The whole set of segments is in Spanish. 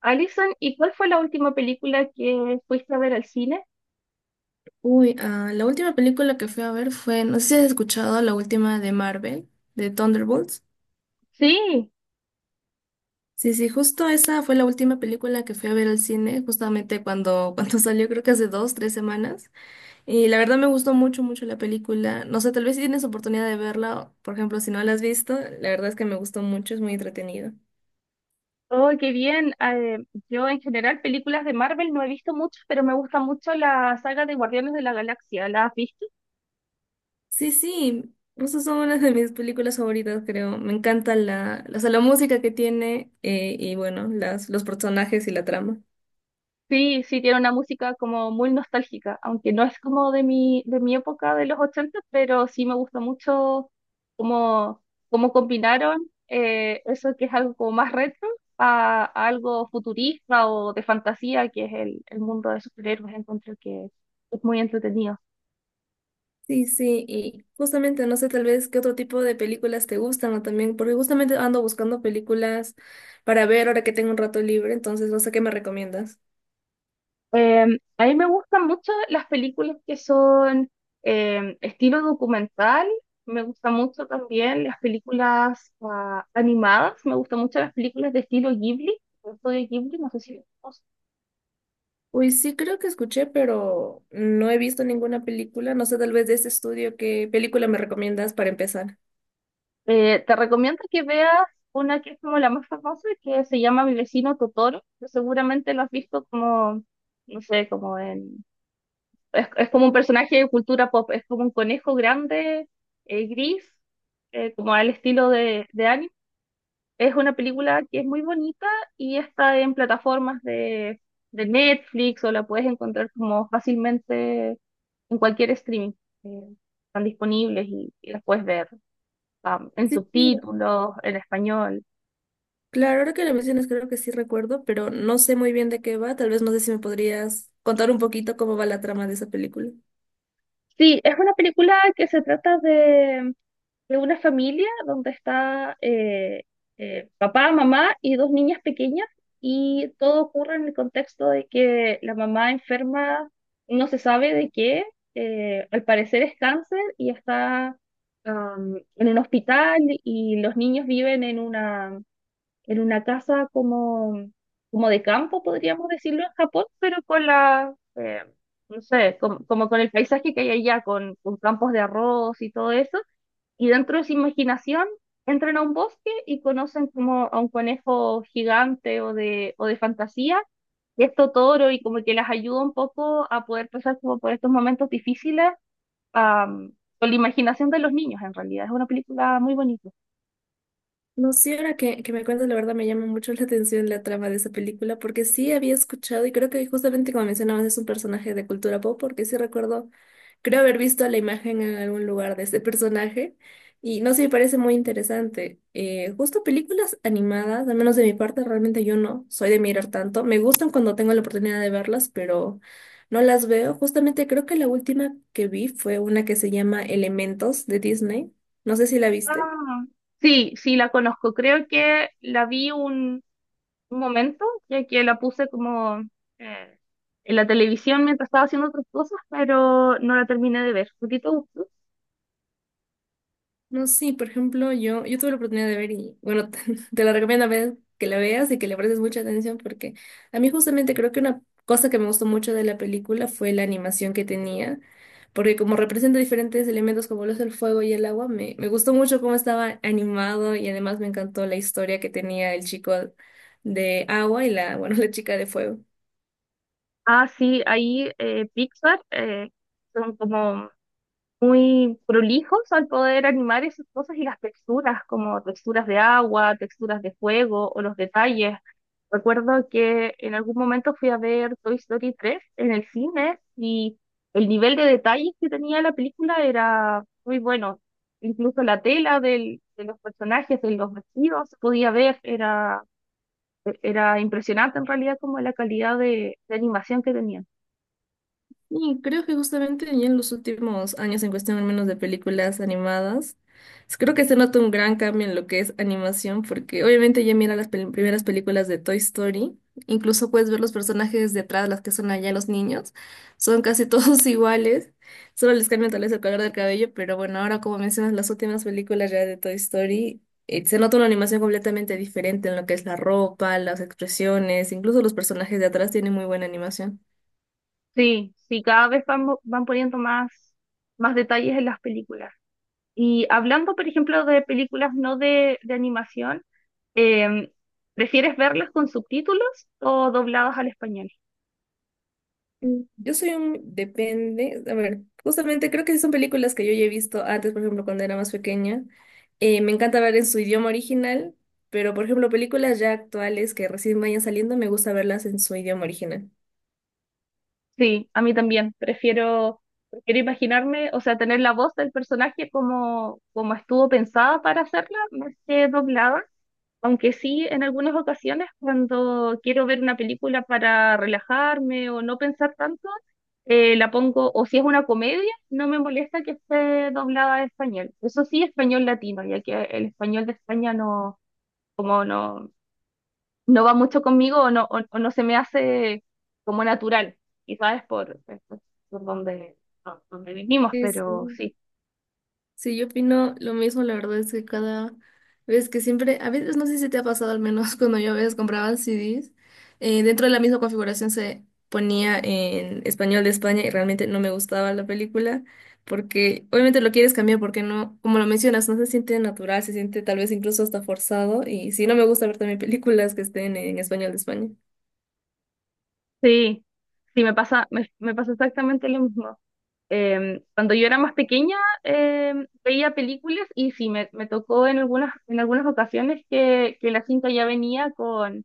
Alison, ¿y cuál fue la última película que fuiste a ver al cine? La última película que fui a ver fue, no sé si has escuchado, la última de Marvel, de Thunderbolts. Sí, Sí, sí, justo esa fue la última película que fui a ver al cine, justamente cuando, cuando salió, creo que hace dos, tres semanas. Y la verdad me gustó mucho, mucho la película. No sé, tal vez si tienes oportunidad de verla, por ejemplo, si no la has visto, la verdad es que me gustó mucho, es muy entretenido. oh, qué bien. Yo en general películas de Marvel no he visto muchas, pero me gusta mucho la saga de Guardianes de la Galaxia. ¿La has visto? Sí, sí, justo son una de mis películas favoritas, creo. Me encanta o sea, la música que tiene, y bueno, las, los personajes y la trama. Sí, sí, tiene una música como muy nostálgica, aunque no es como de mi época de los 80, pero sí me gusta mucho cómo, cómo combinaron eso que es algo como más retro a algo futurista o de fantasía, que es el mundo de superhéroes. Encuentro que es muy entretenido. Sí, sí, y justamente no sé tal vez qué otro tipo de películas te gustan o también, porque justamente ando buscando películas para ver ahora que tengo un rato libre, entonces no sé qué me recomiendas. A mí me gustan mucho las películas que son estilo documental. Me gustan mucho también las películas animadas. Me gustan mucho las películas de estilo Ghibli. El estudio Ghibli, no sé si lo conoces. Uy, sí, creo que escuché, pero no he visto ninguna película, no sé tal vez de este estudio qué película me recomiendas para empezar. Te recomiendo que veas una que es como la más famosa, que se llama Mi vecino Totoro, que seguramente lo has visto como, no sé, como en... es como un personaje de cultura pop. Es como un conejo grande, gris, como al estilo de anime. Es una película que es muy bonita y está en plataformas de Netflix, o la puedes encontrar como fácilmente en cualquier streaming. eh, Están disponibles y las puedes ver en Sí, sí, subtítulos, en español. claro, ahora que lo mencionas creo que sí recuerdo, pero no sé muy bien de qué va, tal vez no sé si me podrías contar un poquito cómo va la trama de esa película. Sí, es una película que se trata de una familia donde está papá, mamá y dos niñas pequeñas, y todo ocurre en el contexto de que la mamá enferma, no se sabe de qué, al parecer es cáncer y está en un hospital, y los niños viven en una casa como, como de campo, podríamos decirlo, en Japón, pero con la... No sé, como, como con el paisaje que hay allá, con campos de arroz y todo eso, y dentro de su imaginación entran a un bosque y conocen como a un conejo gigante o de fantasía, y esto toro, y como que las ayuda un poco a poder pasar como por estos momentos difíciles am, con la imaginación de los niños en realidad. Es una película muy bonita. No sé, ahora que me cuentas, la verdad me llama mucho la atención la trama de esa película, porque sí había escuchado, y creo que justamente como mencionabas, es un personaje de cultura pop, porque sí recuerdo, creo haber visto la imagen en algún lugar de ese personaje, y no sé, me parece muy interesante. Justo películas animadas, al menos de mi parte, realmente yo no soy de mirar tanto. Me gustan cuando tengo la oportunidad de verlas, pero no las veo. Justamente creo que la última que vi fue una que se llama Elementos de Disney. No sé si la viste. Ah, sí, sí, la conozco. Creo que la vi un momento, ya que la puse como eh, en la televisión mientras estaba haciendo otras cosas, pero no la terminé de ver. ¿A ti te gustó? No, sí, por ejemplo, yo tuve la oportunidad de ver y, bueno, te la recomiendo, a ver que la veas y que le prestes mucha atención, porque a mí justamente creo que una cosa que me gustó mucho de la película fue la animación que tenía, porque como representa diferentes elementos como lo es el fuego y el agua, me gustó mucho cómo estaba animado y además me encantó la historia que tenía el chico de agua y la, bueno, la chica de fuego. Ah, sí, ahí Pixar son como muy prolijos al poder animar esas cosas y las texturas, como texturas de agua, texturas de fuego o los detalles. Recuerdo que en algún momento fui a ver Toy Story 3 en el cine y el nivel de detalles que tenía la película era muy bueno. Incluso la tela de los personajes, de los vestidos, se podía ver, era, era impresionante en realidad como la calidad de animación que tenía. Y creo que justamente ya en los últimos años, en cuestión al menos de películas animadas, creo que se nota un gran cambio en lo que es animación, porque obviamente ya mira las primeras películas de Toy Story, incluso puedes ver los personajes detrás, las que son allá los niños, son casi todos iguales, solo les cambian tal vez el color del cabello, pero bueno, ahora como mencionas las últimas películas ya de Toy Story, se nota una animación completamente diferente en lo que es la ropa, las expresiones, incluso los personajes de atrás tienen muy buena animación. Sí, sí, cada vez van, van poniendo más, más detalles en las películas. Y hablando, por ejemplo, de películas no de, de animación, em, ¿prefieres verlas con subtítulos o dobladas al español? Yo soy un... Depende. A ver, justamente creo que son películas que yo ya he visto antes, por ejemplo, cuando era más pequeña. Me encanta ver en su idioma original, pero por ejemplo, películas ya actuales que recién vayan saliendo, me gusta verlas en su idioma original. Sí, a mí también. Prefiero, prefiero imaginarme, o sea, tener la voz del personaje como, como estuvo pensada para hacerla, más que doblada. Aunque sí, en algunas ocasiones, cuando quiero ver una película para relajarme o no pensar tanto, la pongo, o si es una comedia, no me molesta que esté doblada a español. Eso sí, español latino, ya que el español de España no, como no, no va mucho conmigo o no se me hace como natural, quizás es por donde, por donde vivimos, Sí, pero sí. sí, Sí, yo opino lo mismo, la verdad es que cada vez que siempre, a veces no sé si te ha pasado al menos cuando yo a veces compraba CDs, dentro de la misma configuración se ponía en español de España y realmente no me gustaba la película porque obviamente lo quieres cambiar porque no, como lo mencionas, no se siente natural, se siente tal vez incluso hasta forzado y sí, no me gusta ver también películas que estén en español de España. sí, sí, me pasa, me pasa exactamente lo mismo. Cuando yo era más pequeña, eh, veía películas y sí, me tocó en algunas ocasiones que la cinta ya venía con,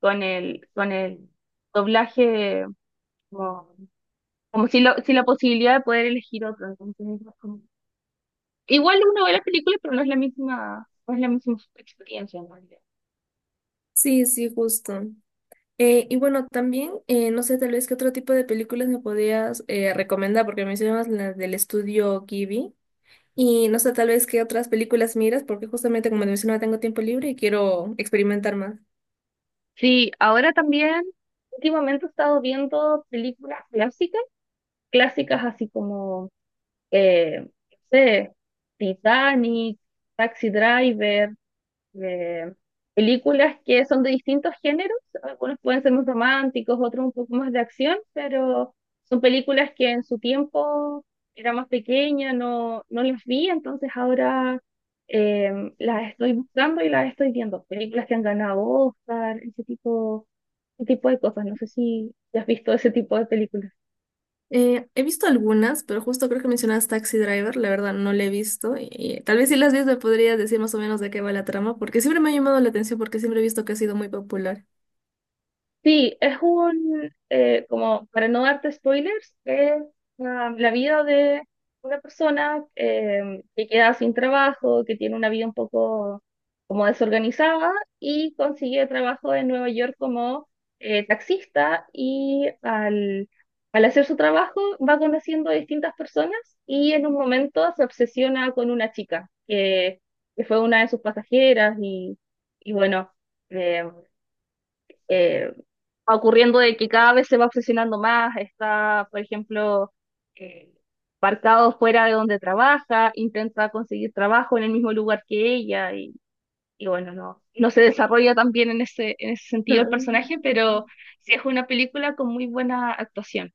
con el doblaje, como, como si, lo, si la posibilidad de poder elegir otro. Entonces, igual uno ve la película, pero no es la misma, no es la misma experiencia en realidad. Sí, sí, justo. Y bueno, también, no sé, tal vez qué otro tipo de películas me podías, recomendar, porque mencionabas las del estudio Ghibli. Y no sé, tal vez qué otras películas miras, porque justamente como te mencionaba, tengo tiempo libre y quiero experimentar más. Sí, ahora también, últimamente he estado viendo películas clásicas, clásicas así como, eh, no sé, Titanic, Taxi Driver, eh, películas que son de distintos géneros, algunos pueden ser más románticos, otros un poco más de acción, pero son películas que en su tiempo era más pequeña, no, no las vi, entonces ahora eh, las estoy buscando y las estoy viendo. Películas que han ganado Oscar, ese tipo de cosas. No sé si has visto ese tipo de películas. He visto algunas, pero justo creo que mencionabas Taxi Driver, la verdad no la he visto. Y, tal vez si las ves me podrías decir más o menos de qué va la trama, porque siempre me ha llamado la atención, porque siempre he visto que ha sido muy popular. Sí, es un, como para no darte spoilers, es la vida de una persona que queda sin trabajo, que tiene una vida un poco como desorganizada y consigue trabajo en Nueva York como taxista y al, al hacer su trabajo va conociendo a distintas personas, y en un momento se obsesiona con una chica que fue una de sus pasajeras y bueno. em, eh, Ocurriendo de que cada vez se va obsesionando más, está, por ejemplo, eh, parcado fuera de donde trabaja, intenta conseguir trabajo en el mismo lugar que ella y bueno, no, no se desarrolla tan bien en ese sentido el Ah. personaje, pero sí es una película con muy buena actuación.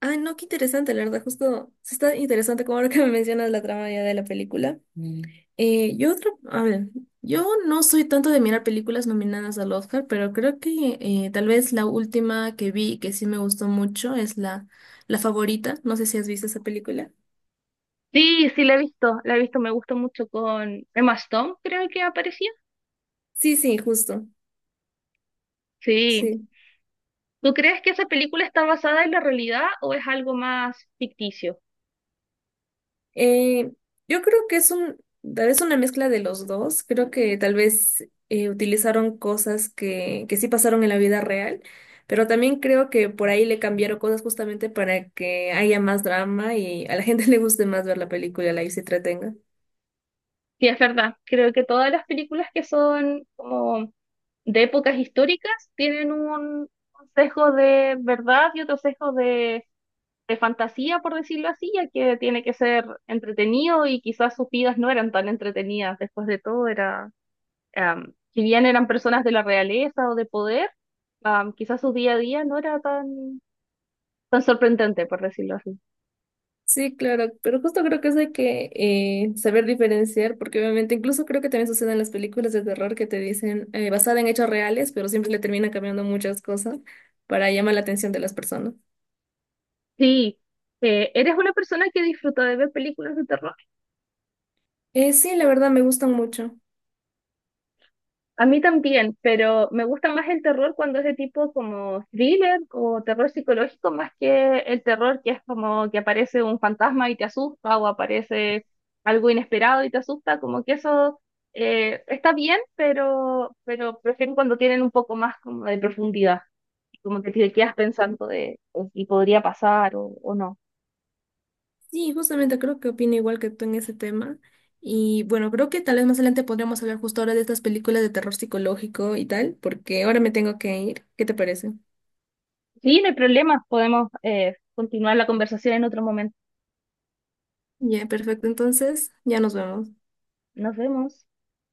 Ah, no, qué interesante, la verdad, justo sí está interesante como ahora que me mencionas la trama ya de la película. Mm. A ver, yo no soy tanto de mirar películas nominadas al Oscar, pero creo que, tal vez la última que vi que sí me gustó mucho es la favorita. No sé si has visto esa película. Sí, sí, la he visto, me gustó mucho con Emma Stone, creo que aparecía. Sí, sí, justo. Sí. Sí. ¿Tú crees que esa película está basada en la realidad o es algo más ficticio? Eh, yo creo que es un, tal vez una mezcla de los dos. Creo que tal vez, utilizaron cosas que sí pasaron en la vida real, pero también creo que por ahí le cambiaron cosas justamente para que haya más drama y a la gente le guste más ver la película, la y se entretenga. Sí, es verdad. Creo que todas las películas que son como de épocas históricas tienen un sesgo de verdad y otro sesgo de fantasía, por decirlo así, ya que tiene que ser entretenido y quizás sus vidas no eran tan entretenidas. Después de todo, era, si bien eran personas de la realeza o de poder, quizás su día a día no era tan, tan sorprendente, por decirlo así. Sí, claro, pero justo creo que eso hay que, saber diferenciar, porque obviamente incluso creo que también sucede en las películas de terror que te dicen, basada en hechos reales, pero siempre le terminan cambiando muchas cosas para llamar la atención de las personas. Sí, ¿eres una persona que disfruta de ver películas de terror? Sí, la verdad me gustan mucho. A mí también, pero me gusta más el terror cuando es de tipo como thriller o terror psicológico más que el terror que es como que aparece un fantasma y te asusta, o aparece algo inesperado y te asusta, como que eso está bien, pero prefiero cuando tienen un poco más como de profundidad, como que te quedas pensando de si podría pasar o no. Sí, justamente creo que opino igual que tú en ese tema. Y bueno, creo que tal vez más adelante podríamos hablar justo ahora de estas películas de terror psicológico y tal, porque ahora me tengo que ir. ¿Qué te parece? Sí, no hay problema, podemos continuar la conversación en otro momento. Ya, perfecto. Entonces, ya nos vemos. Nos vemos.